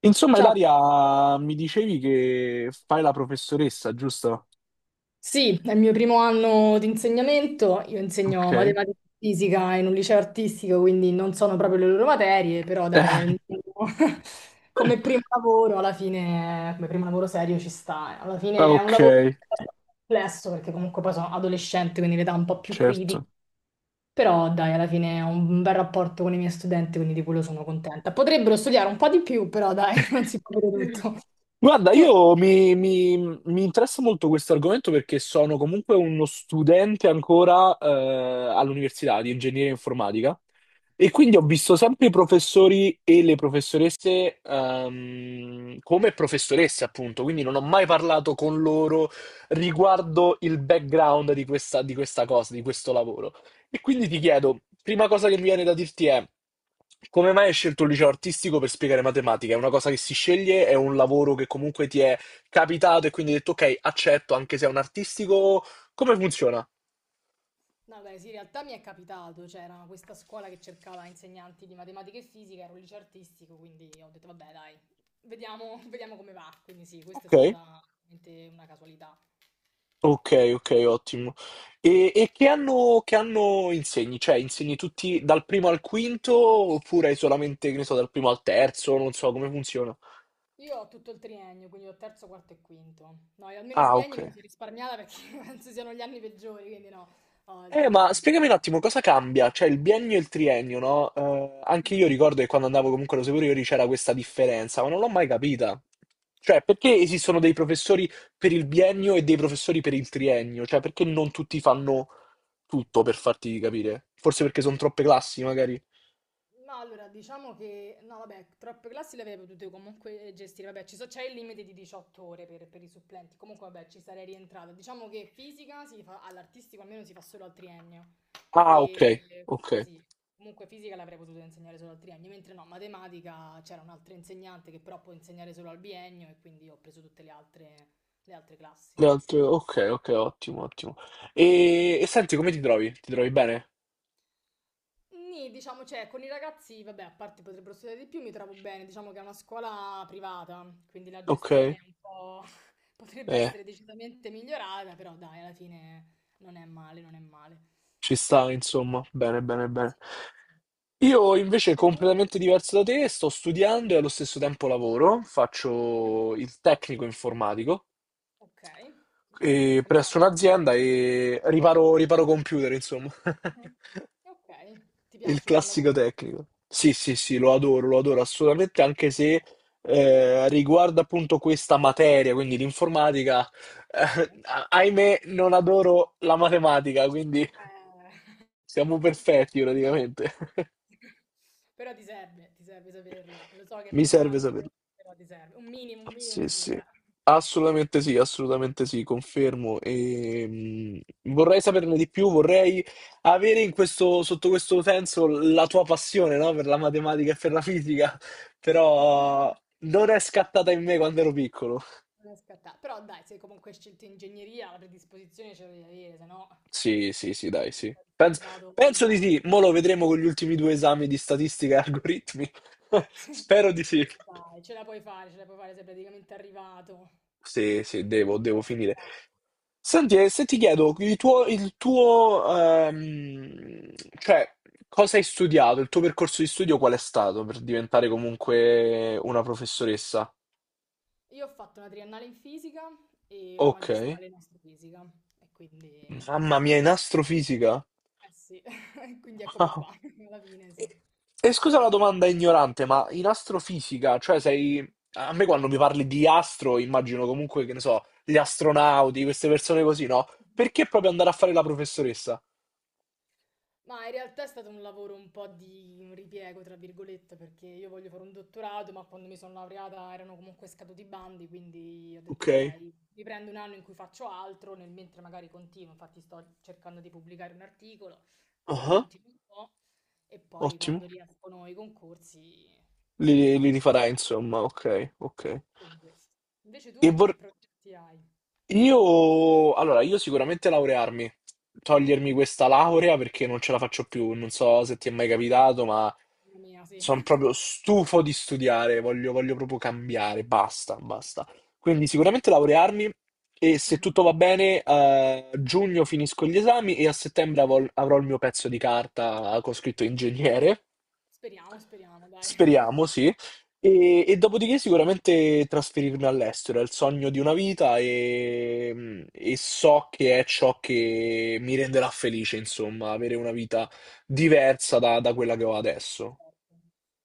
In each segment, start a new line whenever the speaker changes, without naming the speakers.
Insomma,
Ciao,
Ilaria, mi dicevi che fai la professoressa, giusto?
sì, è il mio primo anno di insegnamento, io insegno
Ok.
matematica e fisica in un liceo artistico, quindi non sono proprio le loro materie, però dai, è
Eh,
il mio- come primo lavoro, alla fine, come primo lavoro serio ci sta, alla fine è un
ok,
lavoro complesso perché comunque poi sono adolescente, quindi l'età è un po' più critica,
certo.
però dai, alla fine ho un bel rapporto con i miei studenti, quindi di quello sono contenta. Potrebbero studiare un po' di più, però dai, non si può dire tutto.
Guarda,
Tu?
mi interessa molto questo argomento perché sono comunque uno studente ancora all'università di ingegneria informatica. E quindi ho visto sempre i professori e le professoresse come professoresse, appunto, quindi non ho mai parlato con loro riguardo il background di questa cosa, di questo lavoro. E quindi ti chiedo, prima cosa che mi viene da dirti è, come mai hai scelto il liceo artistico per spiegare matematica? È una cosa che si sceglie, è un lavoro che comunque ti è capitato e quindi hai detto, ok, accetto anche se è un artistico, come funziona?
No, beh, sì, in realtà mi è capitato, c'era questa scuola che cercava insegnanti di matematica e fisica, ero un liceo artistico, quindi ho detto, vabbè, dai, vediamo, vediamo come va. Quindi sì, questa è
Ok.
stata veramente una casualità.
Okay, okay, ottimo. E che anno insegni? Cioè, insegni tutti dal primo al quinto oppure hai solamente, che ne so, dal primo al terzo? Non so come funziona.
Io ho tutto il triennio, quindi ho terzo, quarto e quinto. No, io almeno il
Ah,
biennio me lo
okay.
sono risparmiata perché penso siano gli anni peggiori, quindi no, ho il
Ma
triennio.
spiegami un attimo cosa cambia, cioè il biennio e il triennio, no, anche io
Mhm.
ricordo che quando andavo comunque alle superiori c'era questa differenza, ma non l'ho mai capita. Cioè, perché esistono dei professori per il biennio e dei professori per il triennio? Cioè, perché non tutti fanno tutto, per farti capire? Forse perché son troppe classi, magari?
No, allora, diciamo che... No, vabbè, troppe classi le avrei potute comunque gestire. Vabbè, ci so- c'è il limite di 18 ore per i supplenti. Comunque, vabbè, ci sarei rientrata. Diciamo che fisica si fa... all'artistico almeno si fa solo al triennio.
Ah, ok,
E
ok.
quindi sì, comunque fisica l'avrei potuta insegnare solo al triennio. Mentre no, matematica c'era un'altra insegnante che però può insegnare solo al biennio e quindi ho preso tutte le altre classi.
Le altre- ok, ok, ottimo, ottimo. E senti, come ti trovi? Ti trovi bene?
Nì, diciamo, cioè, con i ragazzi, vabbè, a parte potrebbero studiare di più, mi trovo bene, diciamo che è una scuola privata, quindi la gestione
Ok,
è un po' potrebbe
eh,
essere decisamente migliorata, però dai, alla fine non è male, non è male.
ci sta, insomma. Bene, bene, bene.
Sì, sì, sì.
Io invece
Cioè, tu?
completamente diverso da te, sto studiando e allo stesso tempo lavoro,
Mhm.
faccio il tecnico informatico
Ok. E come fa
presso
andando?
un'azienda e riparo computer, insomma.
Mhm. Ok. Ti
Il
piace come
classico
lavoro?
tecnico. Sì, sì, sì, lo adoro assolutamente,
Ah,
anche se riguardo appunto questa materia, quindi l'informatica,
ok.
ahimè, non adoro la matematica, quindi
Eh.
siamo perfetti praticamente.
Però ti serve saperla. Lo so che è
Mi serve
pesante,
saperlo.
però ti serve.
Ah,
Un minimo
sì,
sì,
sì,
dai.
assolutamente sì, assolutamente sì, confermo. E, vorrei saperne di più, vorrei avere in questo, sotto questo senso la tua passione, no? Per la matematica e per la fisica, però non è scattata in me quando ero piccolo.
Non è scattato. Però dai, se comunque hai scelto ingegneria, la predisposizione ce la devi avere, se no
Sì, sì, sì, dai,
non
sì.
saresti
Penso,
andato
penso di
lontano.
sì, mo lo vedremo con gli ultimi due esami di statistica e algoritmi. Spero di sì.
Dai, ce la puoi fare, ce la puoi fare, sei praticamente arrivato.
Sì, sì, devo,
Però
devo
so
finire.
fare.
Senti, e se ti chiedo ehm, cioè, cosa hai studiato, il tuo percorso di studio qual è stato per diventare comunque una professoressa?
Io ho fatto una triennale in fisica e una
Ok,
magistrale in astrofisica. E quindi, eh
mamma mia, in astrofisica?
sì, quindi eccomi
Wow.
qua, alla fine sì.
E, e scusa la
Sì.
domanda ignorante, ma in astrofisica, cioè sei... A me quando mi parli di astro, immagino comunque, che ne so, gli astronauti, queste persone così, no? Perché proprio andare a fare la professoressa?
Ma in realtà è stato un lavoro un po' di un ripiego, tra virgolette, perché io voglio fare un dottorato, ma quando mi sono laureata erano comunque scaduti i bandi, quindi ho detto
Ok.
ok, mi prendo un anno in cui faccio altro, nel mentre magari continuo, infatti sto cercando di pubblicare un articolo, quindi
Ah,
continuo un po' e poi
ottimo.
quando riescono i concorsi
Li,
li
li
faccio.
rifarai, insomma, ok,
Esatto,
ok.
quindi questo. Invece tu
E
che
vor-
progetti hai?
io, allora, io sicuramente laurearmi,
Mhm,
togliermi questa laurea perché non ce la faccio più, non so se ti è mai capitato, ma
mamma mia, sì.
sono proprio stufo di studiare, voglio, voglio proprio cambiare, basta, basta. Quindi sicuramente laurearmi e se
Mhm.
tutto va bene, a giugno finisco gli esami e a settembre avrò il mio pezzo di carta con scritto ingegnere.
Speriamo, speriamo, dai.
Speriamo, sì. E dopodiché sicuramente trasferirmi all'estero è il sogno di una vita e so che è ciò che mi renderà felice, insomma, avere una vita diversa da quella che ho adesso.
Certo.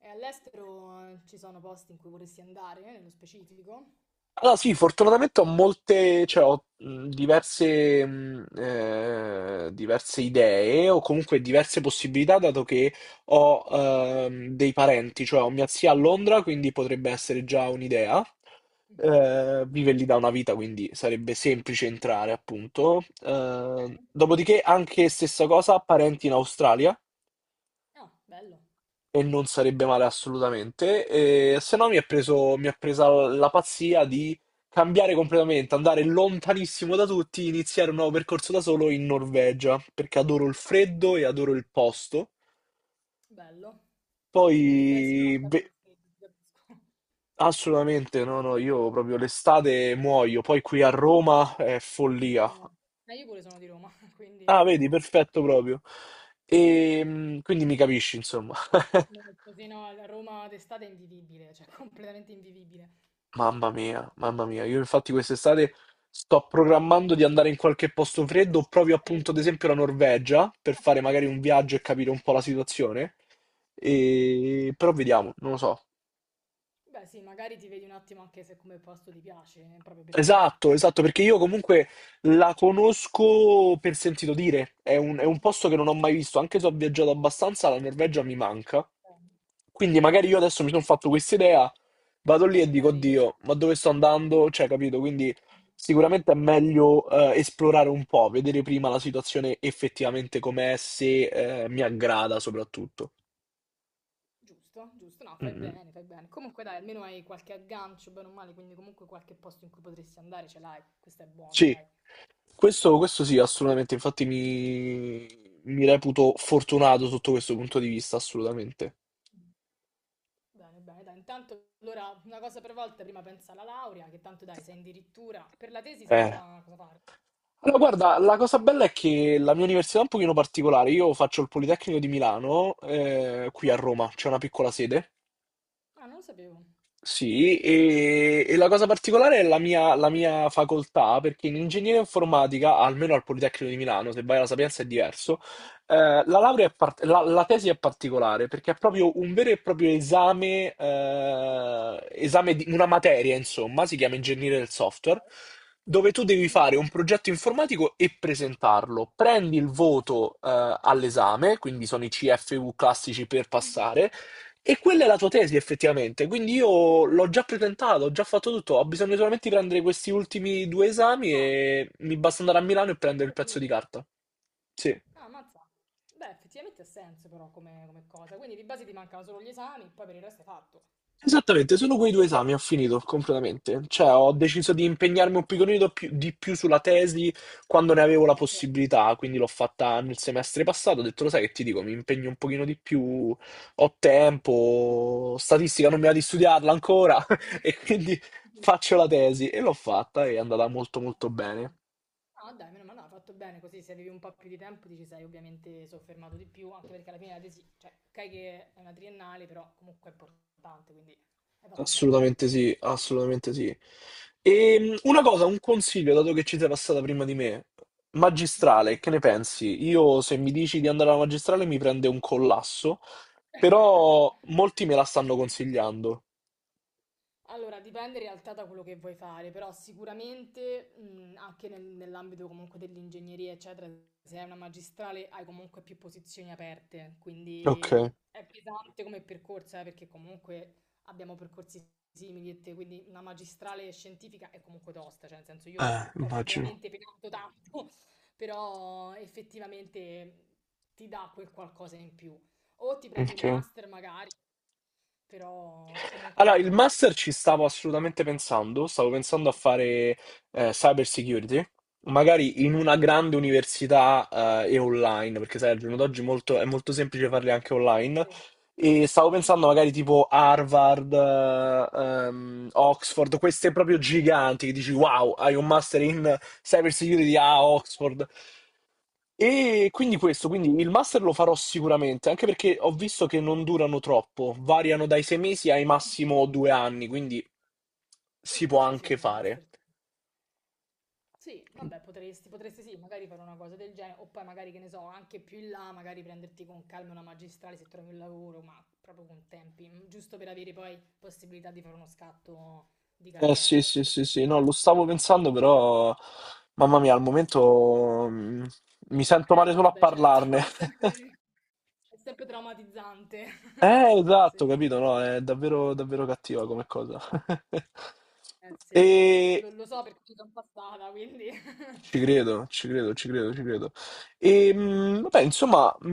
E all'estero ci sono posti in cui vorresti andare, nello specifico?
Allora, sì, fortunatamente ho molte, cioè ho diverse, diverse idee o comunque diverse possibilità, dato che ho dei parenti, cioè ho mia zia a Londra, quindi potrebbe essere già un'idea.
Mhm,
Vive lì da una vita, quindi sarebbe semplice entrare, appunto.
ok.
Dopodiché, anche stessa cosa, parenti in Australia.
Ah, bello,
E non sarebbe male assolutamente. E, se no mi ha presa la pazzia di cambiare completamente, andare lontanissimo da tutti, iniziare un nuovo percorso da solo in Norvegia, perché adoro il
ah,
freddo e adoro il posto.
bello, bello. Beh, sì, no, ah, è
Poi,
stato
beh,
per freddo, ti capisco.
assolutamente, no, no, io proprio l'estate muoio, poi qui a Roma è
Mamma
follia.
mia. Ma io pure sono di Roma, quindi
Ah, vedi, perfetto proprio. E quindi mi capisci, insomma.
così no, a Roma d'estate è invivibile, cioè completamente invivibile.
Mamma mia, io infatti quest'estate sto programmando di andare in qualche posto freddo, proprio appunto ad
Freddo.
esempio la Norvegia, per fare magari un viaggio e capire un po' la situazione. E... Però vediamo, non lo so.
Beh, sì, magari ti vedi un attimo anche se come posto ti piace, proprio per viverti.
Esatto, esatto, perché io comunque la conosco per sentito dire, è è
Mhm.
un posto che non ho mai visto, anche se ho viaggiato abbastanza, la Norvegia mi manca.
Eh,
Quindi magari io adesso mi sono fatto questa idea,
e
vado lì
poi
e dico,
magari...
oddio, ma dove sto andando? Cioè, capito? Quindi sicuramente è meglio esplorare un po', vedere prima la situazione effettivamente com'è, se mi aggrada soprattutto.
Giusto, giusto, no,
Mm,
fai
mm.
bene, fai bene. Comunque dai, almeno hai qualche aggancio, bene o male, quindi comunque qualche posto in cui potresti andare ce l'hai. Questo è buono,
Sì.
dai.
Questo sì, assolutamente, mi reputo fortunato sotto questo punto di vista, assolutamente.
Bene, bene, dai. Intanto, allora, una cosa per volta, prima pensa alla laurea, che tanto dai, sei addirittura... Per la tesi sai
Eh,
già cosa fare.
Allora, guarda, la cosa bella è che la mia università è un pochino particolare, io faccio il Politecnico di Milano, qui a
Ah,
Roma, c'è una piccola sede.
ah, non lo sapevo.
Sì, e la cosa particolare è la mia facoltà, perché in ingegneria informatica, almeno al Politecnico di Milano, se vai alla Sapienza è diverso, la tesi è particolare, perché è proprio un vero e proprio esame, esame di una materia, insomma, si chiama ingegneria del software, dove tu devi
Mhm.
fare un progetto informatico e presentarlo. Prendi il voto, all'esame, quindi sono i CFU classici per
Mhm.
passare, e quella è la tua tesi, effettivamente. Quindi io l'ho già presentato, ho già fatto tutto. Ho bisogno solamente di prendere questi ultimi due esami
Ah,
e mi basta andare a Milano e prendere il
è
pezzo di
finito.
carta. Sì.
Ah, mazza. Beh, effettivamente ha senso però come, come cosa. Quindi di base ti mancano solo gli esami, poi per il resto è fatto.
Esattamente, solo quei due esami ho finito completamente, cioè ho deciso di impegnarmi di più sulla tesi quando ne avevo la
Vabbè, certo,
possibilità, quindi l'ho fatta nel semestre passato, ho detto lo sai che ti dico, mi impegno un pochino di più, ho tempo, statistica non mi va di studiarla ancora e quindi faccio
capisco.
la tesi e l'ho fatta e è andata molto
Ah,
molto
fatto
bene.
bene. No, dai, meno male, no, hai fatto bene così, se avevi un po' più di tempo ti ci sei ovviamente soffermato di più, anche perché alla fine la tesi, cioè, ok che è una triennale, però comunque è importante, quindi hai fatto bene, hai fatto
Assolutamente
bene.
sì, assolutamente sì. E una cosa, un consiglio, dato che ci sei passata prima di me,
Sì.
magistrale,
Dimmi.
che ne pensi? Io se mi dici di andare alla magistrale mi prende un collasso, però molti me la stanno consigliando.
Allora, dipende in realtà da quello che vuoi fare, però sicuramente anche nel- nell'ambito comunque dell'ingegneria, eccetera, se hai una magistrale hai comunque più posizioni aperte,
Ok,
quindi è pesante come percorso, perché comunque abbiamo percorsi simili e te, quindi una magistrale scientifica è comunque tosta, cioè nel senso io ho, ho
immagino.
veramente penato tanto, però effettivamente ti dà quel qualcosa in più. O ti prendi un
Ok.
master magari, però comunque
Allora,
non lo
il
so.
master ci stavo assolutamente pensando, stavo pensando a fare cyber security, magari in una
Mh-mh.
grande università e online, perché sai, al giorno d'oggi è molto semplice farli anche online.
Sì.
E stavo pensando
Mh-mh.
magari tipo Harvard, Oxford, queste proprio giganti che dici wow, hai un master
Okay,
in cyber security a Oxford. E quindi questo, quindi il master lo farò sicuramente, anche perché ho visto che
okay.
non durano troppo, variano dai 6 mesi ai massimo 2 anni, quindi si
Sì,
può
sì, sì,
anche
sì, il master
fare.
sì. Sì, vabbè potresti potresti sì, magari fare una cosa del genere, o poi magari che ne so, anche più in là, magari prenderti con calma una magistrale se trovi un lavoro, ma proprio con tempi, mhmm, giusto per avere poi possibilità di fare uno scatto di
Eh sì,
carriera,
sì,
ecco.
sì, sì, no, lo stavo pensando, però mamma mia, al
Mh.
momento mi sento
Eh
male
no,
solo a
vabbè certo,
parlarne.
è sempre traumatizzante. Sì,
Esatto, capito, no? È davvero, davvero cattiva come cosa.
sì, no, no,
E,
lo so perché ci son passata, quindi.
ci credo, ci credo, ci credo, ci credo. E, vabbè, insomma,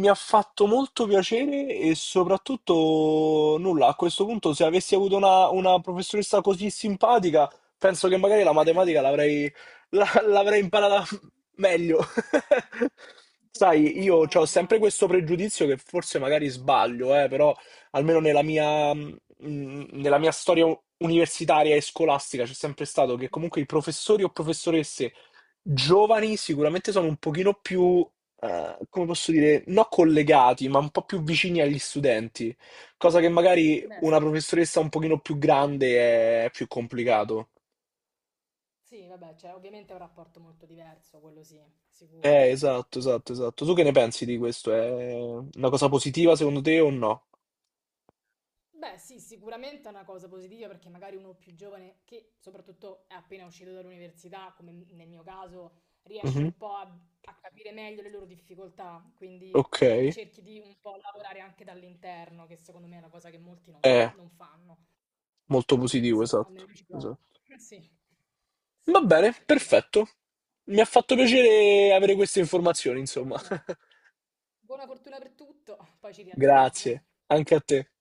mi ha fatto molto piacere e soprattutto nulla, a questo punto se avessi avuto una professoressa così simpatica, penso che magari la matematica l'avrei imparata meglio. Sai,
Ma
io ho
no,
sempre
dai.
questo pregiudizio che forse magari sbaglio, però almeno nella mia storia universitaria e scolastica c'è sempre stato che
Mh-mh.
comunque i professori o professoresse giovani sicuramente sono un pochino più, come posso dire, non collegati, ma un po' più vicini agli studenti, cosa che magari
Beh,
una
s-
professoressa un pochino più grande è più complicato.
sì, vabbè, cioè, ovviamente è un rapporto molto diverso, quello sì, sicuro.
Esatto, esatto, esatto. Tu che ne pensi di questo? È una cosa positiva secondo te o no?
Beh, sì, sicuramente è una cosa positiva perché magari uno più giovane, che soprattutto è appena uscito dall'università, come nel mio caso, riesce
Mhm.
un po' a, a capire meglio le loro difficoltà, quindi
Ok.
cerchi di un po' lavorare anche dall'interno, che secondo me è una cosa che molti non, non-
È
non fanno.
molto
E quindi
positivo,
sì, almeno
esatto,
io ci provo.
esatto.
Sì,
Va
sì, sì,
bene,
sì, esatto.
perfetto. Mi ha fatto piacere avere queste informazioni,
Anche a
insomma.
me. Buona fortuna per tutto, poi ci riaggiorniamo.
Grazie, anche a te.